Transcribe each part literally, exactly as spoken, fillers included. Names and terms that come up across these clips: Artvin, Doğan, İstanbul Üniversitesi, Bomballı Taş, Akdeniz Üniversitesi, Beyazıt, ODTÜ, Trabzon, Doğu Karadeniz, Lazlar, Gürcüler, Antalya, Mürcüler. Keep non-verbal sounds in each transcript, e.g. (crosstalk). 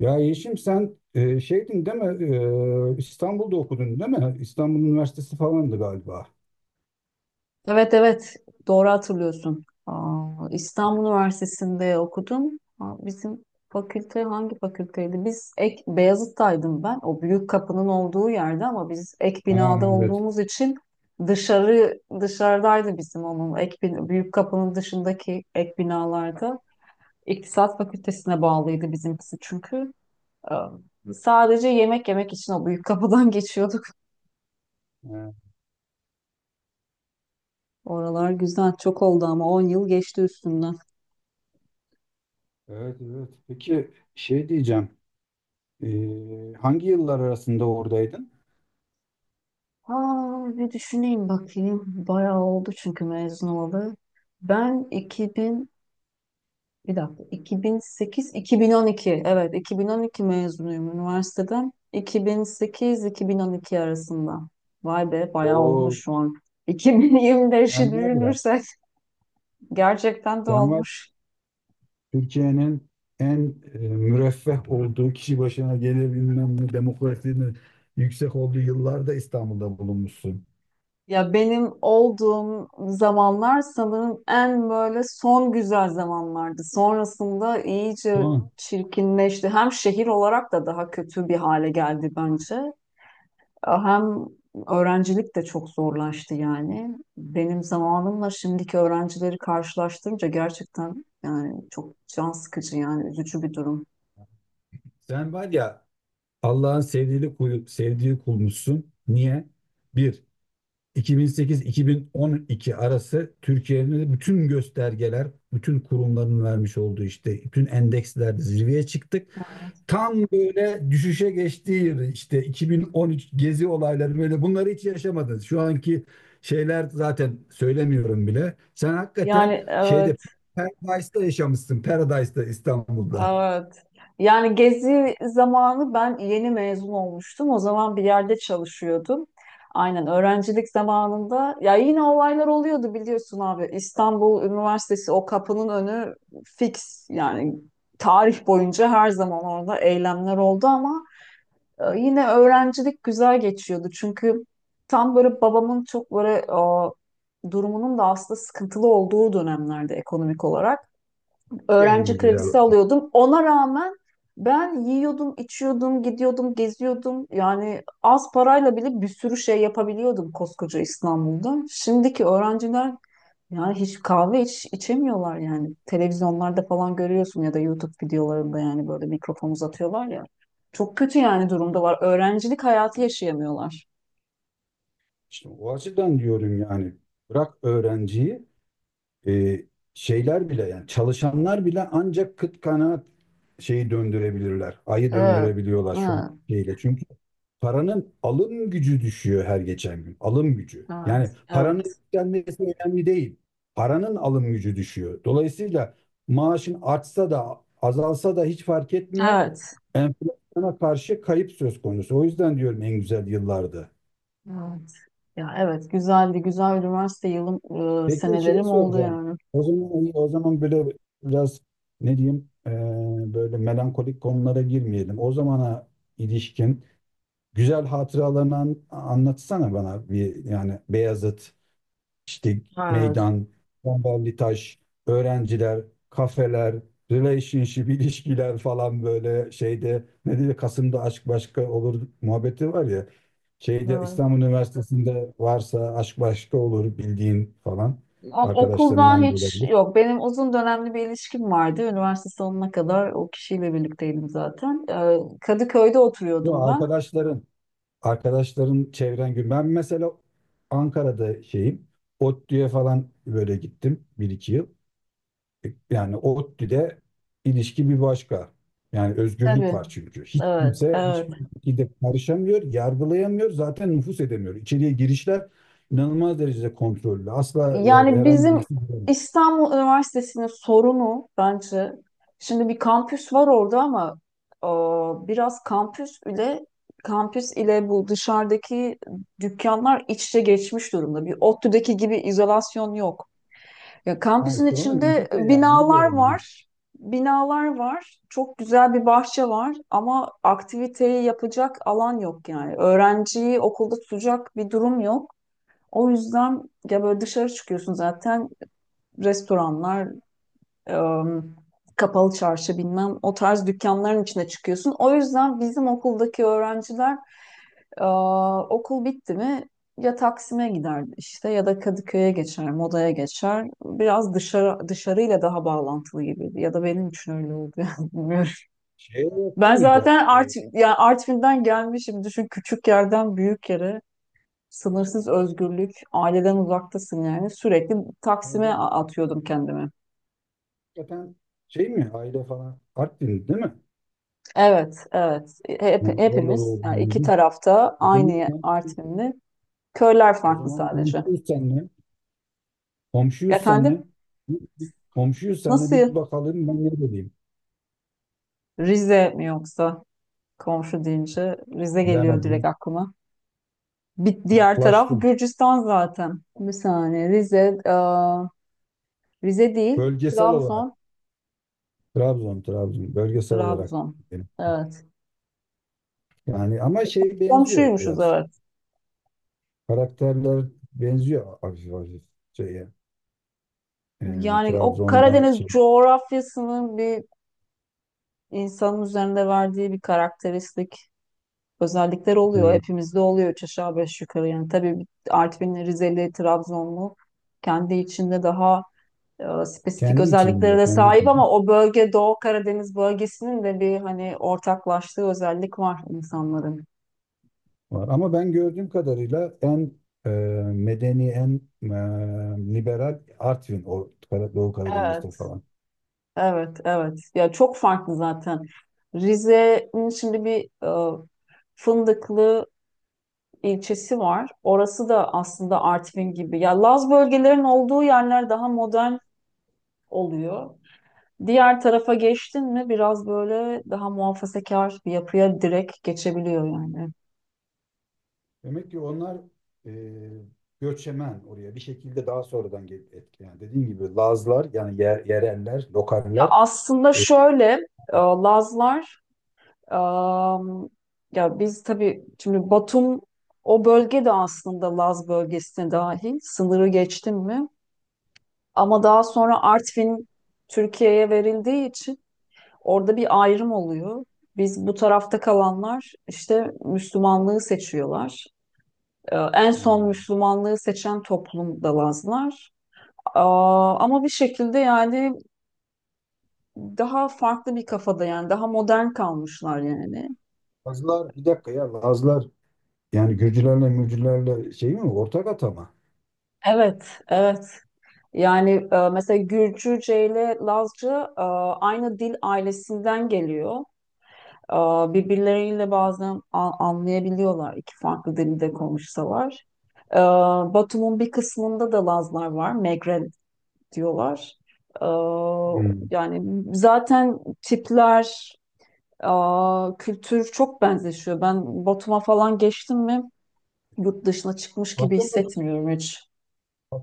Ya Yeşim sen e, şeydin değil mi? E, İstanbul'da okudun değil mi? İstanbul Üniversitesi falandı galiba. Evet, evet, doğru hatırlıyorsun. Aa, İstanbul Üniversitesi'nde okudum. Ha, Bizim fakülte hangi fakülteydi? Biz ek Beyazıt'taydım ben. O büyük kapının olduğu yerde ama biz ek Ha, binada evet. olduğumuz için dışarı dışarıdaydı bizim onun ek bin- büyük kapının dışındaki ek binalarda. İktisat Fakültesine bağlıydı bizimkisi çünkü. Aa, Sadece yemek yemek için o büyük kapıdan (laughs) geçiyorduk. Ha, Oralar güzel çok oldu ama on yıl geçti üstünden. evet, evet. Peki şey diyeceğim. E, hangi yıllar arasında oradaydın? Aa, bir düşüneyim bakayım. Bayağı oldu çünkü mezun olalı. Ben iki bin, bir dakika, iki bin sekiz-iki bin on iki, evet iki bin on iki mezunuyum üniversiteden. iki bin sekiz-iki bin on iki arasında. Vay be, bayağı O olmuş şu an. iki bin yirmi beşi sen var ya. düşünürsek (laughs) gerçekten de Sen var olmuş. Türkiye'nin en e, müreffeh olduğu kişi başına gelebilmem ne demokrasinin yüksek olduğu yıllarda İstanbul'da bulunmuşsun. Ya benim olduğum zamanlar sanırım en böyle son güzel zamanlardı. Sonrasında iyice Doğan, çirkinleşti. Hem şehir olarak da daha kötü bir hale geldi bence. Hem öğrencilik de çok zorlaştı yani. Benim zamanımla şimdiki öğrencileri karşılaştırınca gerçekten yani çok can sıkıcı yani üzücü bir durum. sen var ya, Allah'ın sevdiği kul, sevdiği kulmuşsun. Niye? Bir, iki bin sekiz-iki bin on iki arası Türkiye'nin de bütün göstergeler, bütün kurumların vermiş olduğu işte bütün endekslerde zirveye çıktık. Tam böyle düşüşe geçtiği yıl işte iki bin on üç gezi olayları, böyle bunları hiç yaşamadınız. Şu anki şeyler zaten söylemiyorum bile. Sen hakikaten Yani. şeyde Paradise'da yaşamışsın. Paradise'da, İstanbul'da. Evet. Yani gezi zamanı ben yeni mezun olmuştum. O zaman bir yerde çalışıyordum. Aynen öğrencilik zamanında ya yine olaylar oluyordu biliyorsun abi. İstanbul Üniversitesi o kapının önü fix yani tarih boyunca her zaman orada eylemler oldu ama e, yine öğrencilik güzel geçiyordu. Çünkü tam böyle babamın çok böyle o, durumunun da aslında sıkıntılı olduğu dönemlerde ekonomik olarak öğrenci En güzel. kredisi alıyordum. Ona rağmen ben yiyordum, içiyordum, gidiyordum, geziyordum. Yani az parayla bile bir sürü şey yapabiliyordum koskoca İstanbul'da. Şimdiki öğrenciler yani hiç kahve iç, içemiyorlar yani. Televizyonlarda falan görüyorsun ya da YouTube videolarında yani böyle mikrofon uzatıyorlar ya. Çok kötü yani durumdalar. Öğrencilik hayatı yaşayamıyorlar. İşte o açıdan diyorum yani. Bırak öğrenciyi, e, şeyler bile yani çalışanlar bile ancak kıt kanaat şeyi döndürebilirler. Ayı Evet. döndürebiliyorlar şu Evet. şeyle. Çünkü paranın alım gücü düşüyor her geçen gün. Alım gücü. Evet. Yani paranın Evet. yükselmesi önemli değil. Paranın alım gücü düşüyor. Dolayısıyla maaşın artsa da azalsa da hiç fark etmiyor. Evet. Enflasyona karşı kayıp söz konusu. O yüzden diyorum en güzel yıllardı. Evet. Ya evet, güzeldi. Güzel üniversite yılım e, Peki şeyi senelerim oldu soracağım. yani. O zaman hani, o zaman böyle biraz ne diyeyim eee, böyle melankolik konulara girmeyelim. O zamana ilişkin güzel hatıralarını an- anlatsana bana bir, yani Beyazıt, işte Evet. meydan, Bomballı Taş, öğrenciler, kafeler, relationship ilişkiler falan, böyle şeyde ne diyor, Kasım'da aşk başka olur muhabbeti var ya. Şeyde Evet. İstanbul Üniversitesi'nde varsa aşk başka olur bildiğin falan, O- Okuldan arkadaşlarından da hiç olabilir. yok. Benim uzun dönemli bir ilişkim vardı. Üniversite sonuna kadar o kişiyle birlikteydim zaten. Ee, Kadıköy'de Bu oturuyordum ben. arkadaşların arkadaşların çevren gün. Ben mesela Ankara'da şeyim. ODTÜ'ye falan böyle gittim bir iki yıl. Yani ODTÜ'de ilişki bir başka. Yani özgürlük Tabii. var çünkü. Hiç Evet. kimse Evet. hiçbir şekilde karışamıyor, yargılayamıyor, zaten nüfus edemiyor. İçeriye girişler inanılmaz derecede kontrollü. Asla her- Yani herhangi bir. bizim İstanbul Üniversitesi'nin sorunu bence şimdi bir kampüs var orada ama e, biraz kampüs ile kampüs ile bu dışarıdaki dükkanlar iç içe geçmiş durumda. Bir ODTÜ'deki gibi izolasyon yok. Ya Ha, kampüsün işte onu içinde müzik de yani onu binalar diyorum ya. var. Binalar var. Çok güzel bir bahçe var ama aktiviteyi yapacak alan yok yani. Öğrenciyi okulda tutacak bir durum yok. O yüzden ya böyle dışarı çıkıyorsun zaten, restoranlar, em, kapalı çarşı bilmem o tarz dükkanların içine çıkıyorsun. O yüzden bizim okuldaki öğrenciler, e, okul bitti mi ya Taksim'e gider işte ya da Kadıköy'e geçer, Moda'ya geçer. Biraz dışarı dışarıyla daha bağlantılı gibiydi ya da benim için öyle oldu (laughs) yani bilmiyorum. Şeye yakın Ben mıydı? zaten Ee, Art, yani Artvin'den gelmişim, düşün, küçük yerden büyük yere, sınırsız özgürlük, aileden uzaktasın yani sürekli Taksim'e orada a- atıyordum kendimi. hakikaten şey mi, aile falan Artvin değil mi? Evet, evet. E, Hep, Yani orada hepimiz yani doğdum iki dedim. tarafta O zaman aynı komşu, Artvinli. Köyler o farklı zaman sadece. komşuyuz seninle. Komşuyuz Efendim, seninle. Bir- bir- Komşuyuz seninle, bir nasıl? bakalım ben ne diyeyim. Rize mi yoksa? Komşu deyince Rize geliyor direkt Bilemedim. aklıma. Bir diğer taraf Yaklaştım. Gürcistan zaten. Bir saniye, Rize, aa, Rize değil, Bölgesel olarak Trabzon, Trabzon Trabzon, bölgesel olarak Trabzon. dedim. Evet. Yani ama şey benziyor Komşuymuşuz, biraz. evet. Karakterler benziyor hafif hafif şeye. Ee, Yani o Trabzon'la Karadeniz şey, coğrafyasının bir insanın üzerinde verdiği bir karakteristik özellikler oluyor. evet. Hepimizde oluyor üç aşağı beş yukarı. Yani tabii bir Artvinli, Rizeli, Trabzonlu kendi içinde daha e, spesifik Kendi özelliklere içinde, de kendi sahip içinde ama o bölge Doğu Karadeniz bölgesinin de bir hani ortaklaştığı özellik var insanların. var. Ama ben gördüğüm kadarıyla en e, medeni, en e, liberal Artvin, o Kara- Doğu Karadeniz'de Evet, falan. evet, evet. Ya çok farklı zaten. Rize'nin şimdi bir e, Fındıklı ilçesi var. Orası da aslında Artvin gibi. Ya Laz bölgelerin olduğu yerler daha modern oluyor. Diğer tarafa geçtin mi biraz böyle daha muhafazakar bir yapıya direkt geçebiliyor yani. Demek ki onlar e, göçemen oraya bir şekilde daha sonradan gelip etkileyen. Dediğim gibi Lazlar yani yer, yereller, Ya lokaller. aslında e, şöyle, e, Lazlar, e, ya biz tabii şimdi Batum, o bölge de aslında Laz bölgesine dahil sınırı geçtin mi? Ama daha sonra Artvin Türkiye'ye verildiği için orada bir ayrım oluyor. Biz bu tarafta kalanlar işte Müslümanlığı seçiyorlar. Ee, En son hmm, Müslümanlığı seçen toplum da Lazlar. Aa, Ama bir şekilde yani daha farklı bir kafada yani daha modern kalmışlar yani. Lazlar, bir dakika ya, Lazlar yani Gürcülerle Mürcülerle şey mi, ortak atama? Evet, evet. Yani e, mesela Gürcüce ile Lazca, e, aynı dil ailesinden geliyor. E, Birbirleriyle bazen a- anlayabiliyorlar iki farklı dilde konuşsalar. E, Batum'un bir kısmında da Lazlar var, Megre diyorlar. Ee, Hmm. Yani zaten tipler, aa, kültür çok benzeşiyor. Ben Batum'a falan geçtim mi yurt dışına çıkmış gibi Batı mı? hissetmiyorum hiç.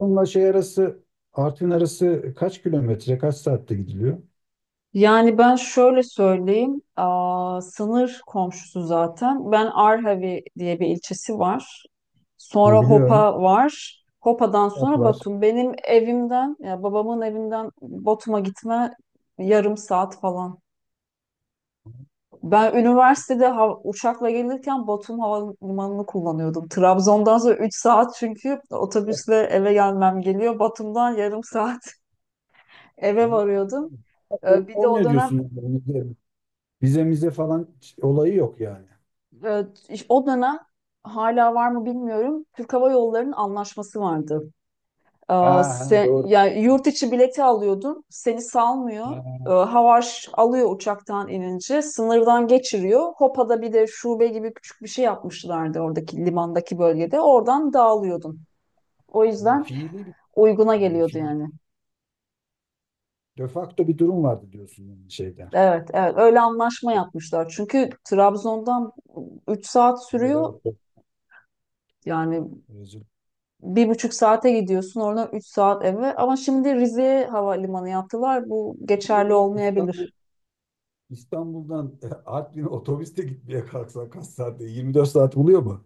Bununla şey arası, Artvin arası kaç kilometre, kaç saatte gidiliyor? Yani ben şöyle söyleyeyim, aa, sınır komşusu zaten. Ben Arhavi diye bir ilçesi var. Ha, Sonra biliyorum. Hopa var. Hopa'dan Saat sonra var. Batum. Benim evimden, ya babamın evinden Batum'a gitme yarım saat falan. Ben üniversitede ha- uçakla gelirken Batum Havalimanı'nı kullanıyordum. Trabzon'dan sonra üç saat çünkü otobüsle eve gelmem geliyor. Batum'dan yarım saat (laughs) eve Ha. varıyordum. Ee, Sorun Bir de o olmuyor dönem, diyorsun yani. Vize, vize mize falan olayı yok yani. e, iş- o dönem hala var mı bilmiyorum. Türk Hava Yolları'nın anlaşması vardı. Ha, Aa, ha, Sen, doğru. yani yurt içi bileti alıyordun, seni Ha, salmıyor. Ee, ha. Havaş alıyor uçaktan inince, sınırdan geçiriyor. Hopa'da bir de şube gibi küçük bir şey yapmışlardı oradaki limandaki bölgede. Oradan dağılıyordun. O yüzden Fiili bir, uyguna yani geliyordu fiil. yani. De facto bir durum vardı diyorsun yani şeyde. Evet, evet. Öyle anlaşma yapmışlar. Çünkü Trabzon'dan üç saat Evet, sürüyor. evet. Yani Özür bir buçuk saate gidiyorsun, oradan üç saat eve. Ama şimdi Rize'ye havalimanı yaptılar. Bu dilerim. geçerli Bir de İstanbul, olmayabilir. İstanbul'dan (laughs) Artvin'e otobüste gitmeye kalksan kaç saatte? yirmi dört saat buluyor mu?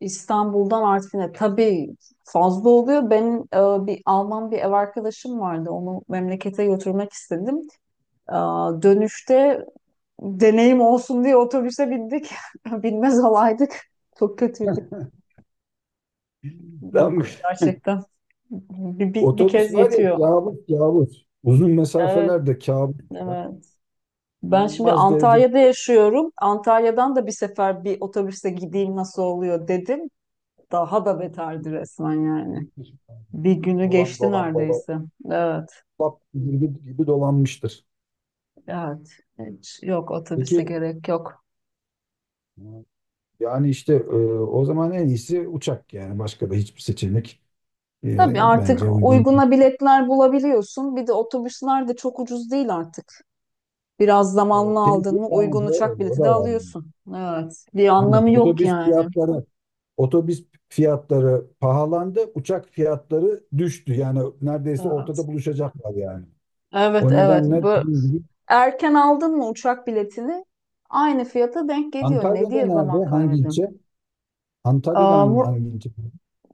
İstanbul'dan Artvin'e tabii fazla oluyor. Benim e, bir Alman bir ev arkadaşım vardı. Onu memlekete götürmek istedim. E, Dönüşte deneyim olsun diye otobüse bindik. (laughs) Binmez olaydık. Çok kötüydü. (laughs) Lan. Yok, gerçekten. Bir, bir, bir Otobüs kez var ya, yetiyor. kabus kabus. Uzun Evet, mesafelerde kabus, ya. evet. Ben şimdi İnanılmaz derecede Antalya'da yaşıyorum. Antalya'dan da bir sefer bir otobüste gideyim nasıl oluyor dedim. Daha da beterdi resmen yani. Bir günü dolan geçti dolan baba neredeyse. Evet. bak, gibi, gibi, dolanmıştır. Evet. Hiç yok, otobüse Peki gerek yok. yani işte e, o zaman en iyisi uçak yani, başka da hiçbir seçenek Tabii e, artık bence uygun. uyguna biletler bulabiliyorsun. Bir de otobüsler de çok ucuz değil artık. Biraz zamanlı Evet, değil mi? aldın mı Yani uygun doğru, uçak o bileti de da var. yani. alıyorsun. Evet. Bir Aynen. anlamı yok Otobüs yani. fiyatları otobüs fiyatları pahalandı, uçak fiyatları düştü. Yani neredeyse Evet. ortada buluşacaklar yani. Evet, O evet. nedenle Bu Erken aldın mı uçak biletini aynı fiyata denk geliyor. Ne Antalya'da diye zaman nerede? Hangi kaybedin? ilçe? Antalya'da hangi, hangi ilçe?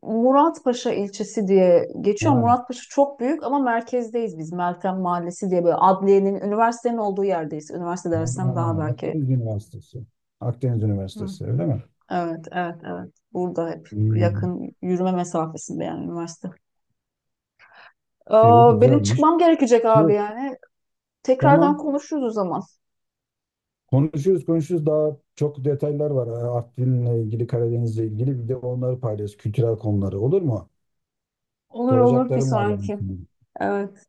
Muratpaşa ilçesi diye geçiyor. Ha, Muratpaşa çok büyük ama merkezdeyiz biz. Meltem Mahallesi diye böyle adliyenin, üniversitenin olduğu yerdeyiz. Üniversite ha, ha. dersem daha belki. Akdeniz Üniversitesi. Akdeniz Hı. Üniversitesi öyle mi? Evet, evet, evet. Burada hep Hmm, yakın yürüme mesafesinde yani üniversite. iyi, Aa, benim güzelmiş. çıkmam gerekecek abi Şey, yani. Tekrardan tamam. konuşuruz o zaman. Konuşuyoruz konuşuyoruz. Daha çok detaylar var. Ha, Artvin'le ilgili, Karadeniz'le ilgili. Bir de onları paylaş. Kültürel konuları. Olur mu? Olur, olur. Bir Soracaklarım var yani. sonraki. Evet.